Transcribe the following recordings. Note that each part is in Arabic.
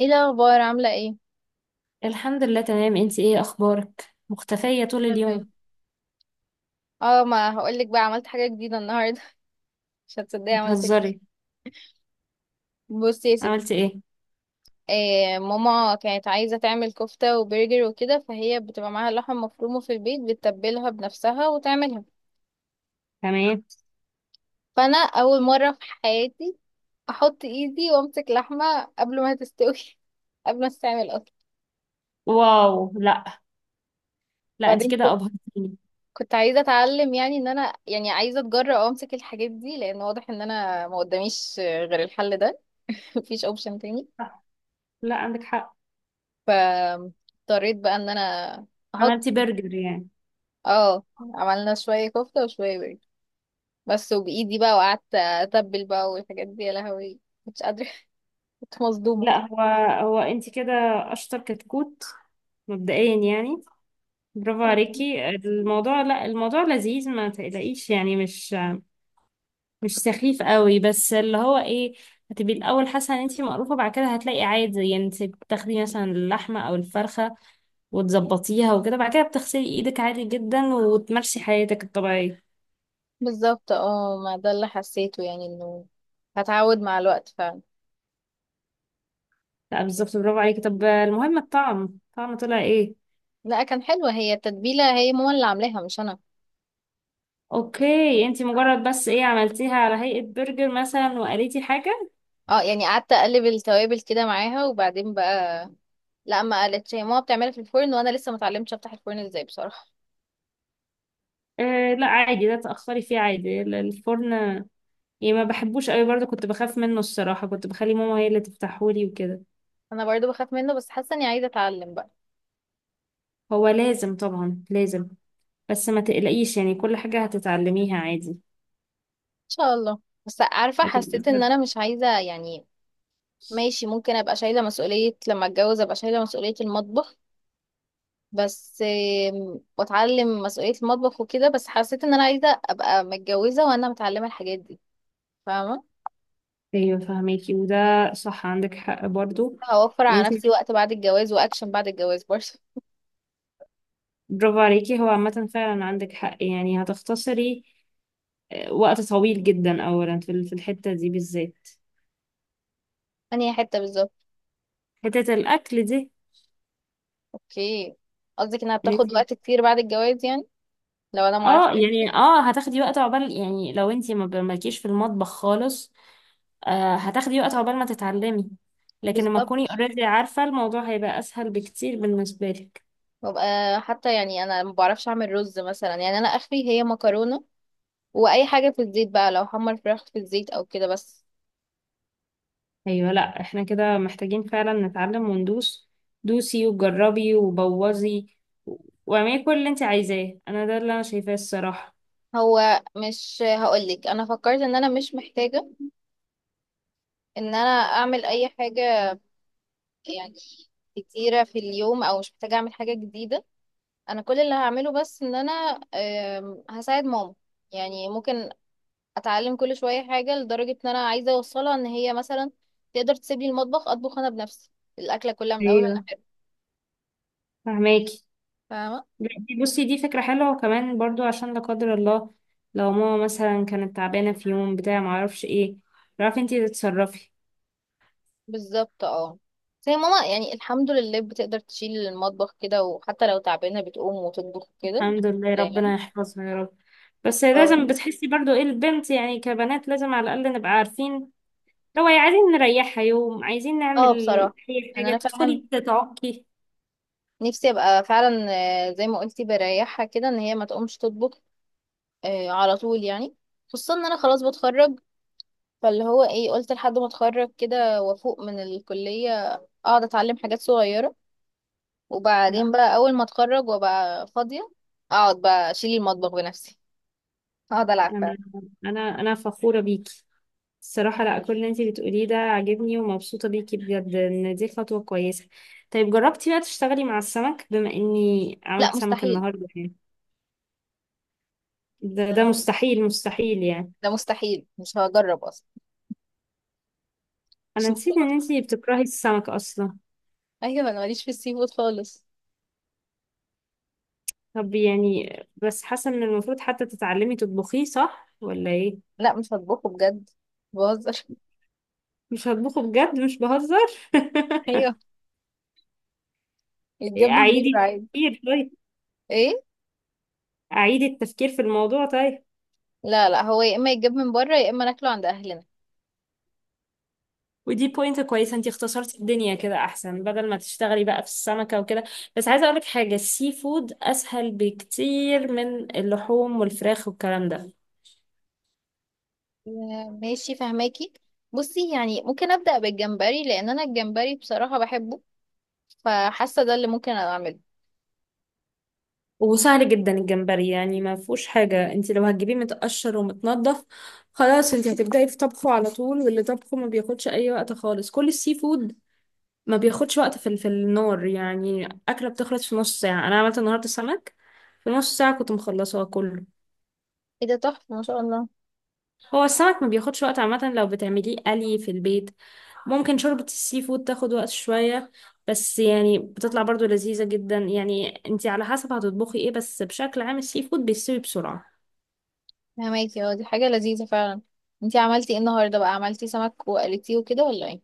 ايه الاخبار، عامله ايه؟ الحمد لله، تمام. انت ايه اخبارك؟ مختفية طول الحمد لله. اليوم. اه، ما هقولك بقى، عملت حاجه جديده النهارده. مش هتصدقي عملت إيه. بتهزري؟ بصي يا ستي، عملتي ايه؟ إيه، ماما كانت عايزه تعمل كفته وبرجر وكده، فهي بتبقى معاها لحم مفرومه في البيت، بتتبلها بنفسها وتعملها. تمام. فانا اول مره في حياتي احط ايدي وامسك لحمه قبل ما تستوي. قبل ما تستعمل اصلا. واو، لا. لا، انت وبعدين كده ابهرتيني. كنت عايزه اتعلم، يعني ان انا يعني عايزه اتجرأ وامسك الحاجات دي، لان واضح ان انا ما قداميش غير الحل ده. مفيش اوبشن تاني. صح. لا، عندك حق. فاضطريت بقى ان انا احط عملتي ايدي. برجر يعني؟ اه، عملنا شوية كفتة وشوية برجر بس، وبايدي بقى، وقعدت اتبل بقى والحاجات دي، يا لهوي مش قادرة. كنت مصدومة. لا، هو انت كده اشطر كتكوت مبدئيا يعني. برافو عليكي. الموضوع لا، الموضوع لذيذ، ما تقلقيش يعني، مش سخيف قوي، بس اللي هو ايه. هتبقي الاول حاسه ان انت مقروفه، بعد كده هتلاقي عادي، يعني انت بتاخدي مثلا اللحمه او الفرخه وتظبطيها وكده، بعد كده بتغسلي ايدك عادي جدا وتمارسي حياتك الطبيعية. بالظبط اه، ما ده اللي حسيته، يعني انه هتعود مع الوقت فعلا. لا، بالظبط. برافو عليكي. طب المهم، الطعم طلع ايه؟ لا، كان حلوة هي التتبيلة، هي ماما اللي عاملاها مش انا. اوكي، انتي مجرد بس ايه، عملتيها على هيئة برجر مثلا وقريتي حاجة؟ اه يعني قعدت اقلب التوابل كده معاها، وبعدين بقى لا، ما قالتش، هي ماما بتعملها في الفرن، وانا لسه ما اتعلمتش افتح الفرن ازاي بصراحة. آه لا عادي، ده تأخري فيه عادي، الفرن يعني ما بحبوش قوي برضه، كنت بخاف منه الصراحة، كنت بخلي ماما هي اللي تفتحهولي وكده. انا برضو بخاف منه، بس حاسة اني عايزة اتعلم بقى هو لازم، طبعا لازم، بس ما تقلقيش، يعني كل حاجة هتتعلميها عادي. شاء الله. بس عارفة، هتبقي حسيت ان انا مش عايزة يعني فرق. ماشي، ممكن ابقى شايلة مسؤولية لما اتجوز، ابقى شايلة مسؤولية المطبخ بس. واتعلم مسؤولية المطبخ وكده، بس حسيت ان انا عايزة ابقى متجوزة وانا متعلمة الحاجات دي، فاهمة. ايوه فهميكي، وده صح، عندك حق برضو، هوفر يعني على انت. نفسي وقت بعد الجواز، واكشن بعد الجواز برضه. برافو عليكي. هو عامة فعلا عندك حق، يعني هتختصري آه، وقت طويل جدا، اولا في في الحتة دي بالذات، انهي حتة بالظبط؟ حتة الاكل دي. اوكي، قصدك انها ان انت بتاخد وقت كتير بعد الجواز يعني لو انا معرفش اه يعني ايه. هتاخدي وقت عقبال، يعني لو انت ما ب- مالكيش في المطبخ خالص، آه هتاخدي وقت عقبال ما تتعلمي، لكن لما تكوني بالظبط، اوريدي عارفة الموضوع، هيبقى اسهل بكتير بالنسبة لك. وابقى حتى يعني انا ما بعرفش اعمل رز مثلا، يعني انا اخري هي مكرونة واي حاجه في الزيت بقى، لو حمر فراخ في الزيت او كده بس. ايوه لا، احنا كده محتاجين فعلا نتعلم وندوس، دوسي وجربي وبوظي و- واعملي كل اللي انت عايزاه، انا ده اللي انا شايفاه الصراحه. هو مش هقولك، انا فكرت ان انا مش محتاجه ان انا اعمل اي حاجه يعني كتيره في اليوم، او مش محتاجه اعمل حاجه جديده. انا كل اللي هعمله بس ان انا هساعد ماما، يعني ممكن اتعلم كل شويه حاجه، لدرجه ان انا عايزه اوصلها ان هي مثلا تقدر تسيب لي المطبخ، اطبخ انا بنفسي الاكله كلها من اولها ايوه لاخرها، فهماكي. فاهمه. لا، بصي دي فكره حلوه، وكمان برضو عشان لا قدر الله لو ماما مثلا كانت تعبانه في يوم بتاع ما اعرفش ايه، تعرفي انت تتصرفي. بالظبط اه، بس هي ماما يعني الحمد لله بتقدر تشيل المطبخ كده، وحتى لو تعبانة بتقوم وتطبخ كده الحمد لله، يعني. ربنا يحفظها يا رب. بس اه. لازم بتحسي برضو ايه، البنت يعني، كبنات لازم على الاقل نبقى عارفين، لو عايزين نريحها يوم، عايزين نعمل اه بصراحة، أي انا حاجة فعلا تدخلي تتعقي. نفسي ابقى فعلا، زي ما قلتي، بريحها كده ان هي ما تقومش تطبخ على طول يعني. خصوصا ان انا خلاص بتخرج، فاللي هو ايه، قلت لحد ما اتخرج كده وافوق من الكلية، اقعد اتعلم حاجات صغيرة، لا، وبعدين بقى اول ما اتخرج وابقى فاضية، اقعد بقى اشيل المطبخ بنفسي، اقعد العب أنا فعلا. أنا فخورة بيكي الصراحة. لا، كل اللي انتي بتقوليه ده عاجبني، ومبسوطة بيكي بجد إن دي خطوة كويسة. طيب، جربتي بقى تشتغلي مع السمك، بما إني عملت لا سمك مستحيل، النهاردة يعني؟ ده مستحيل، مستحيل يعني. ده مستحيل، مش هجرب اصلا. مش أنا نسيت إن مستوعبة. انتي بتكرهي السمك أصلا. ايوه، انا ماليش في السي فود خالص. طب يعني، بس حاسة إن المفروض حتى تتعلمي تطبخيه، صح ولا إيه؟ لا مش هطبخه بجد، بهزر. مش هطبخه بجد، مش بهزر. ايوه، يتجاب من اعيدي بره عادي. التفكير طيب. ايه؟ اعيدي التفكير في الموضوع طيب. لا لا، هو يا اما يتجاب من بره، يا اما ناكله عند اهلنا. ودي بوينت كويسه، انتي اختصرتي الدنيا كده، احسن بدل ما تشتغلي بقى في السمكه وكده. بس عايزه اقولك حاجه، السي فود اسهل بكتير من اللحوم والفراخ والكلام ده. ماشي فهماكي، بصي يعني ممكن ابدا بالجمبري، لان انا الجمبري بصراحه بحبه، فحاسه ده اللي ممكن اعمله. وسهل جدا الجمبري، يعني ما فيهوش حاجه، انتي لو هتجيبيه متقشر ومتنضف، خلاص انتي هتبداي في طبخه على طول، واللي طبخه ما بياخدش اي وقت خالص. كل السي فود ما بياخدش وقت في النار، يعني أكلة بتخلص في نص ساعة. أنا عملت النهاردة سمك في نص ساعة كنت مخلصاه كله. ايه ده، تحفه ما شاء الله. هو السمك ما بياخدش وقت عامة لو بتعمليه قلي في البيت. ممكن شوربة السي فود تاخد وقت شوية، بس يعني بتطلع برضو لذيذة جدا، يعني انتي على حسب هتطبخي ايه، بس بشكل عام السي فود بيستوي بسرعة. فهماكي اه، دي حاجه لذيذه فعلا. انتي عملتي ايه النهارده بقى، عملتي سمك وقلتيه وكده ولا ايه؟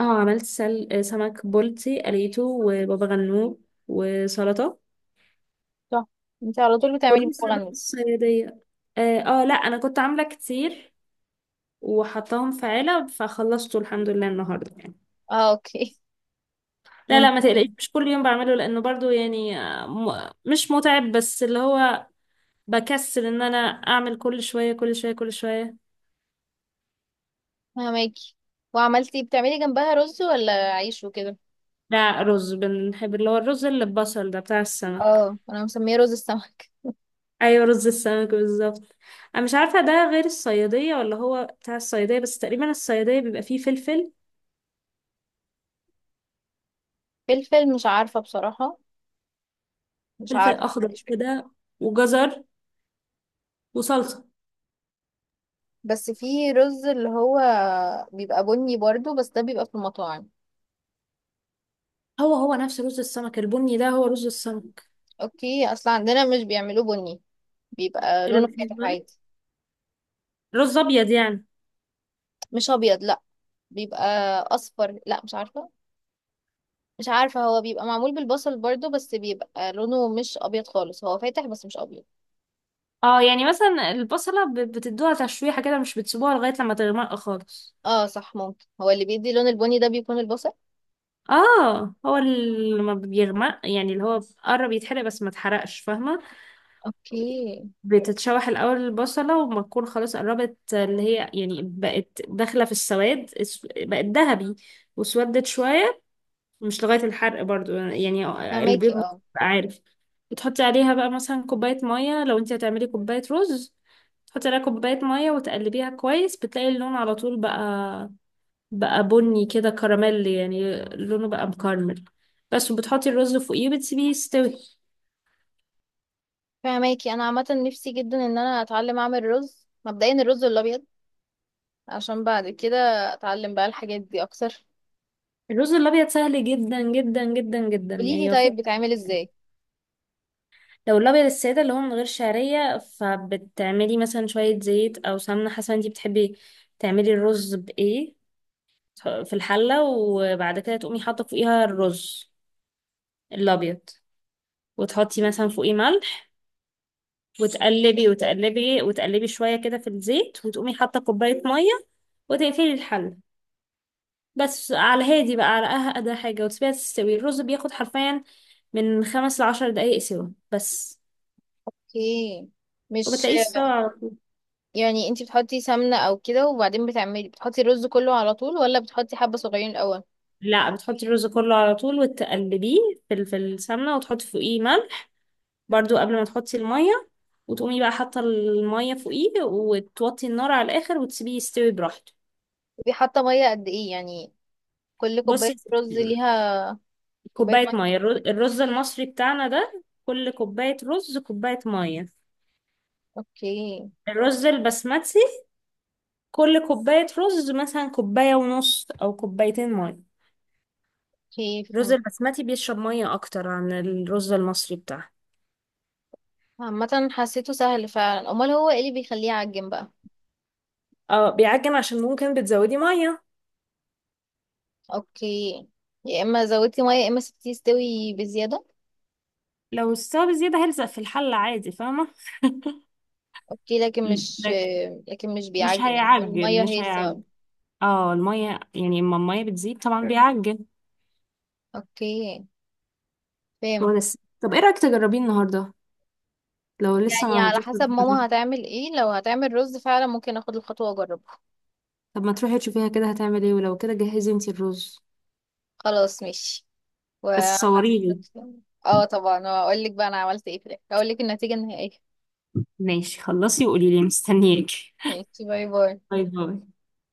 اه عملت سمك بولتي قليته، وبابا غنوج وسلطة، تحفه، انتي على طول بتعملي والرز بابا بقى غنوج. الصيادية. اه، آه، لا انا كنت عاملة كتير وحطاهم في علب، فخلصته الحمد لله النهارده يعني. اه اوكي، لا لا، ما تقلقيش، ممكن، مش كل يوم بعمله، لانه برضو يعني مش متعب، بس اللي هو بكسل ان انا اعمل كل شويه كل شويه كل شويه. فهماكي. وعملتي، بتعملي جنبها رز ولا عيش وكده؟ لا، رز بنحب، اللي هو الرز اللي ببصل ده بتاع السمك. اه، انا مسميه رز السمك. ايوه رز السمك بالظبط. انا مش عارفه ده غير الصياديه ولا هو بتاع الصياديه، بس تقريبا الصياديه بيبقى فيه فلفل، فلفل، مش عارفه بصراحه، مش فلفل عارفه اخضر معلش فكرة. كده وجزر وصلصه. بس في رز اللي هو بيبقى بني برضو، بس ده بيبقى في المطاعم. هو نفس رز السمك، البني ده هو رز السمك. اوكي، اصلا عندنا مش بيعملوه بني، بيبقى ايه ده، لونه فاتح عادي. رز ابيض يعني؟ مش ابيض لا، بيبقى اصفر، لا مش عارفه، مش عارفه، هو بيبقى معمول بالبصل برضو، بس بيبقى لونه مش ابيض خالص، هو فاتح بس مش ابيض. اه يعني مثلا البصلة بتدوها تشويحة كده، مش بتسيبوها لغاية لما تغمق خالص. اه صح، ممكن هو اللي بيدي لون البني ده بيكون البصل. اه، هو اللي لما بيغمق، يعني اللي هو قرب يتحرق بس ما اتحرقش، فاهمة؟ اوكي بتتشوح الأول البصلة، وما تكون خلاص قربت، اللي هي يعني بقت داخلة في السواد، بقت ذهبي، واسودت شوية، مش لغاية الحرق برضو يعني. اللي بيض فهماكي بيبقى اه. عارف، بتحطي عليها بقى مثلا كوباية مية لو انت هتعملي كوباية رز، تحطي عليها كوباية مية وتقلبيها كويس، بتلاقي اللون على طول بقى، بني كده كراميل، يعني لونه بقى مكرمل بس، وبتحطي الرز فوقيه وبتسيبيه يستوي. فهماكي، انا عامه نفسي جدا ان انا اتعلم اعمل رز، مبدئيا الرز الابيض، عشان بعد كده اتعلم بقى الحاجات دي اكتر. الرز الأبيض سهل جدا جدا جدا جدا، قوليلي يعني مفهوش. طيب، بتعمل ازاي؟ لو الأبيض السادة اللي هو من غير شعرية، فبتعملي مثلا شوية زيت أو سمنة، حسب انتي بتحبي تعملي الرز بإيه، في الحلة، وبعد كده تقومي حاطة فوقيها الرز الأبيض، وتحطي مثلا فوقيه ملح، وتقلبي وتقلبي وتقلبي شوية كده في الزيت، وتقومي حاطة كوباية مية وتقفلي الحلة، بس على هادي بقى، على أهدى حاجة، وتسيبيها تستوي. الرز بياخد حرفيا من 5 ل10 دقايق سوا بس، اوكي، مش وبتلاقيه استوى على طول. يعني انتي بتحطي سمنه او كده، وبعدين بتعملي، بتحطي الرز كله على طول ولا بتحطي حبه صغيرين الاول؟ لا، بتحطي الرز كله على طول وتقلبيه في السمنة، وتحطي فوقيه ملح برضو قبل ما تحطي المية، وتقومي بقى حاطة المية فوقيه، وتوطي النار على الآخر وتسيبيه يستوي براحته. ودي حاطه ميه قد ايه يعني، كل كوبايه بصي يا رز ستي، ليها كوبايه كوباية ميه؟ مية، الرز المصري بتاعنا ده كل كوباية رز كوباية مية. اوكي. الرز البسمتي كل كوباية رز مثلا كوباية ونص أو كوبايتين مية. اوكي الرز البسمتي بيشرب مية أكتر عن الرز المصري بتاعه. فهمت، عامه حسيته سهل فعلا، امال هو ايه اللي بيخليه يعجن بقى؟ اه بيعجن، عشان ممكن بتزودي مية. اوكي، يا اما زودتي ميه يا اما سبتيه يستوي بزياده. لو استوى بزيادة هيلزق في الحلة عادي، فاهمة؟ اوكي، لكن مش، لكن لكن مش مش بيعجن، هو هيعجن، الميه مش هي هيعجن. السبب؟ اه المية، يعني اما المية بتزيد طبعا بيعجن. اوكي هو فاهم. لسه، طب ايه رأيك تجربيه النهارده لو لسه ما يعني على عملتوش حسب النهاردة؟ ماما هتعمل ايه، لو هتعمل رز فعلا ممكن اخد الخطوه واجربه. طب ما تروحي تشوفيها كده هتعمل ايه، ولو كده جهزي انتي الرز، خلاص ماشي. و بس صوريلي. اه طبعا، واقول لك بقى انا عملت ايه في الاخر، هقول لك النتيجه النهائيه. ماشي، خلصي وقولي لي، مستنياكي. ماشي، باي باي. باي باي.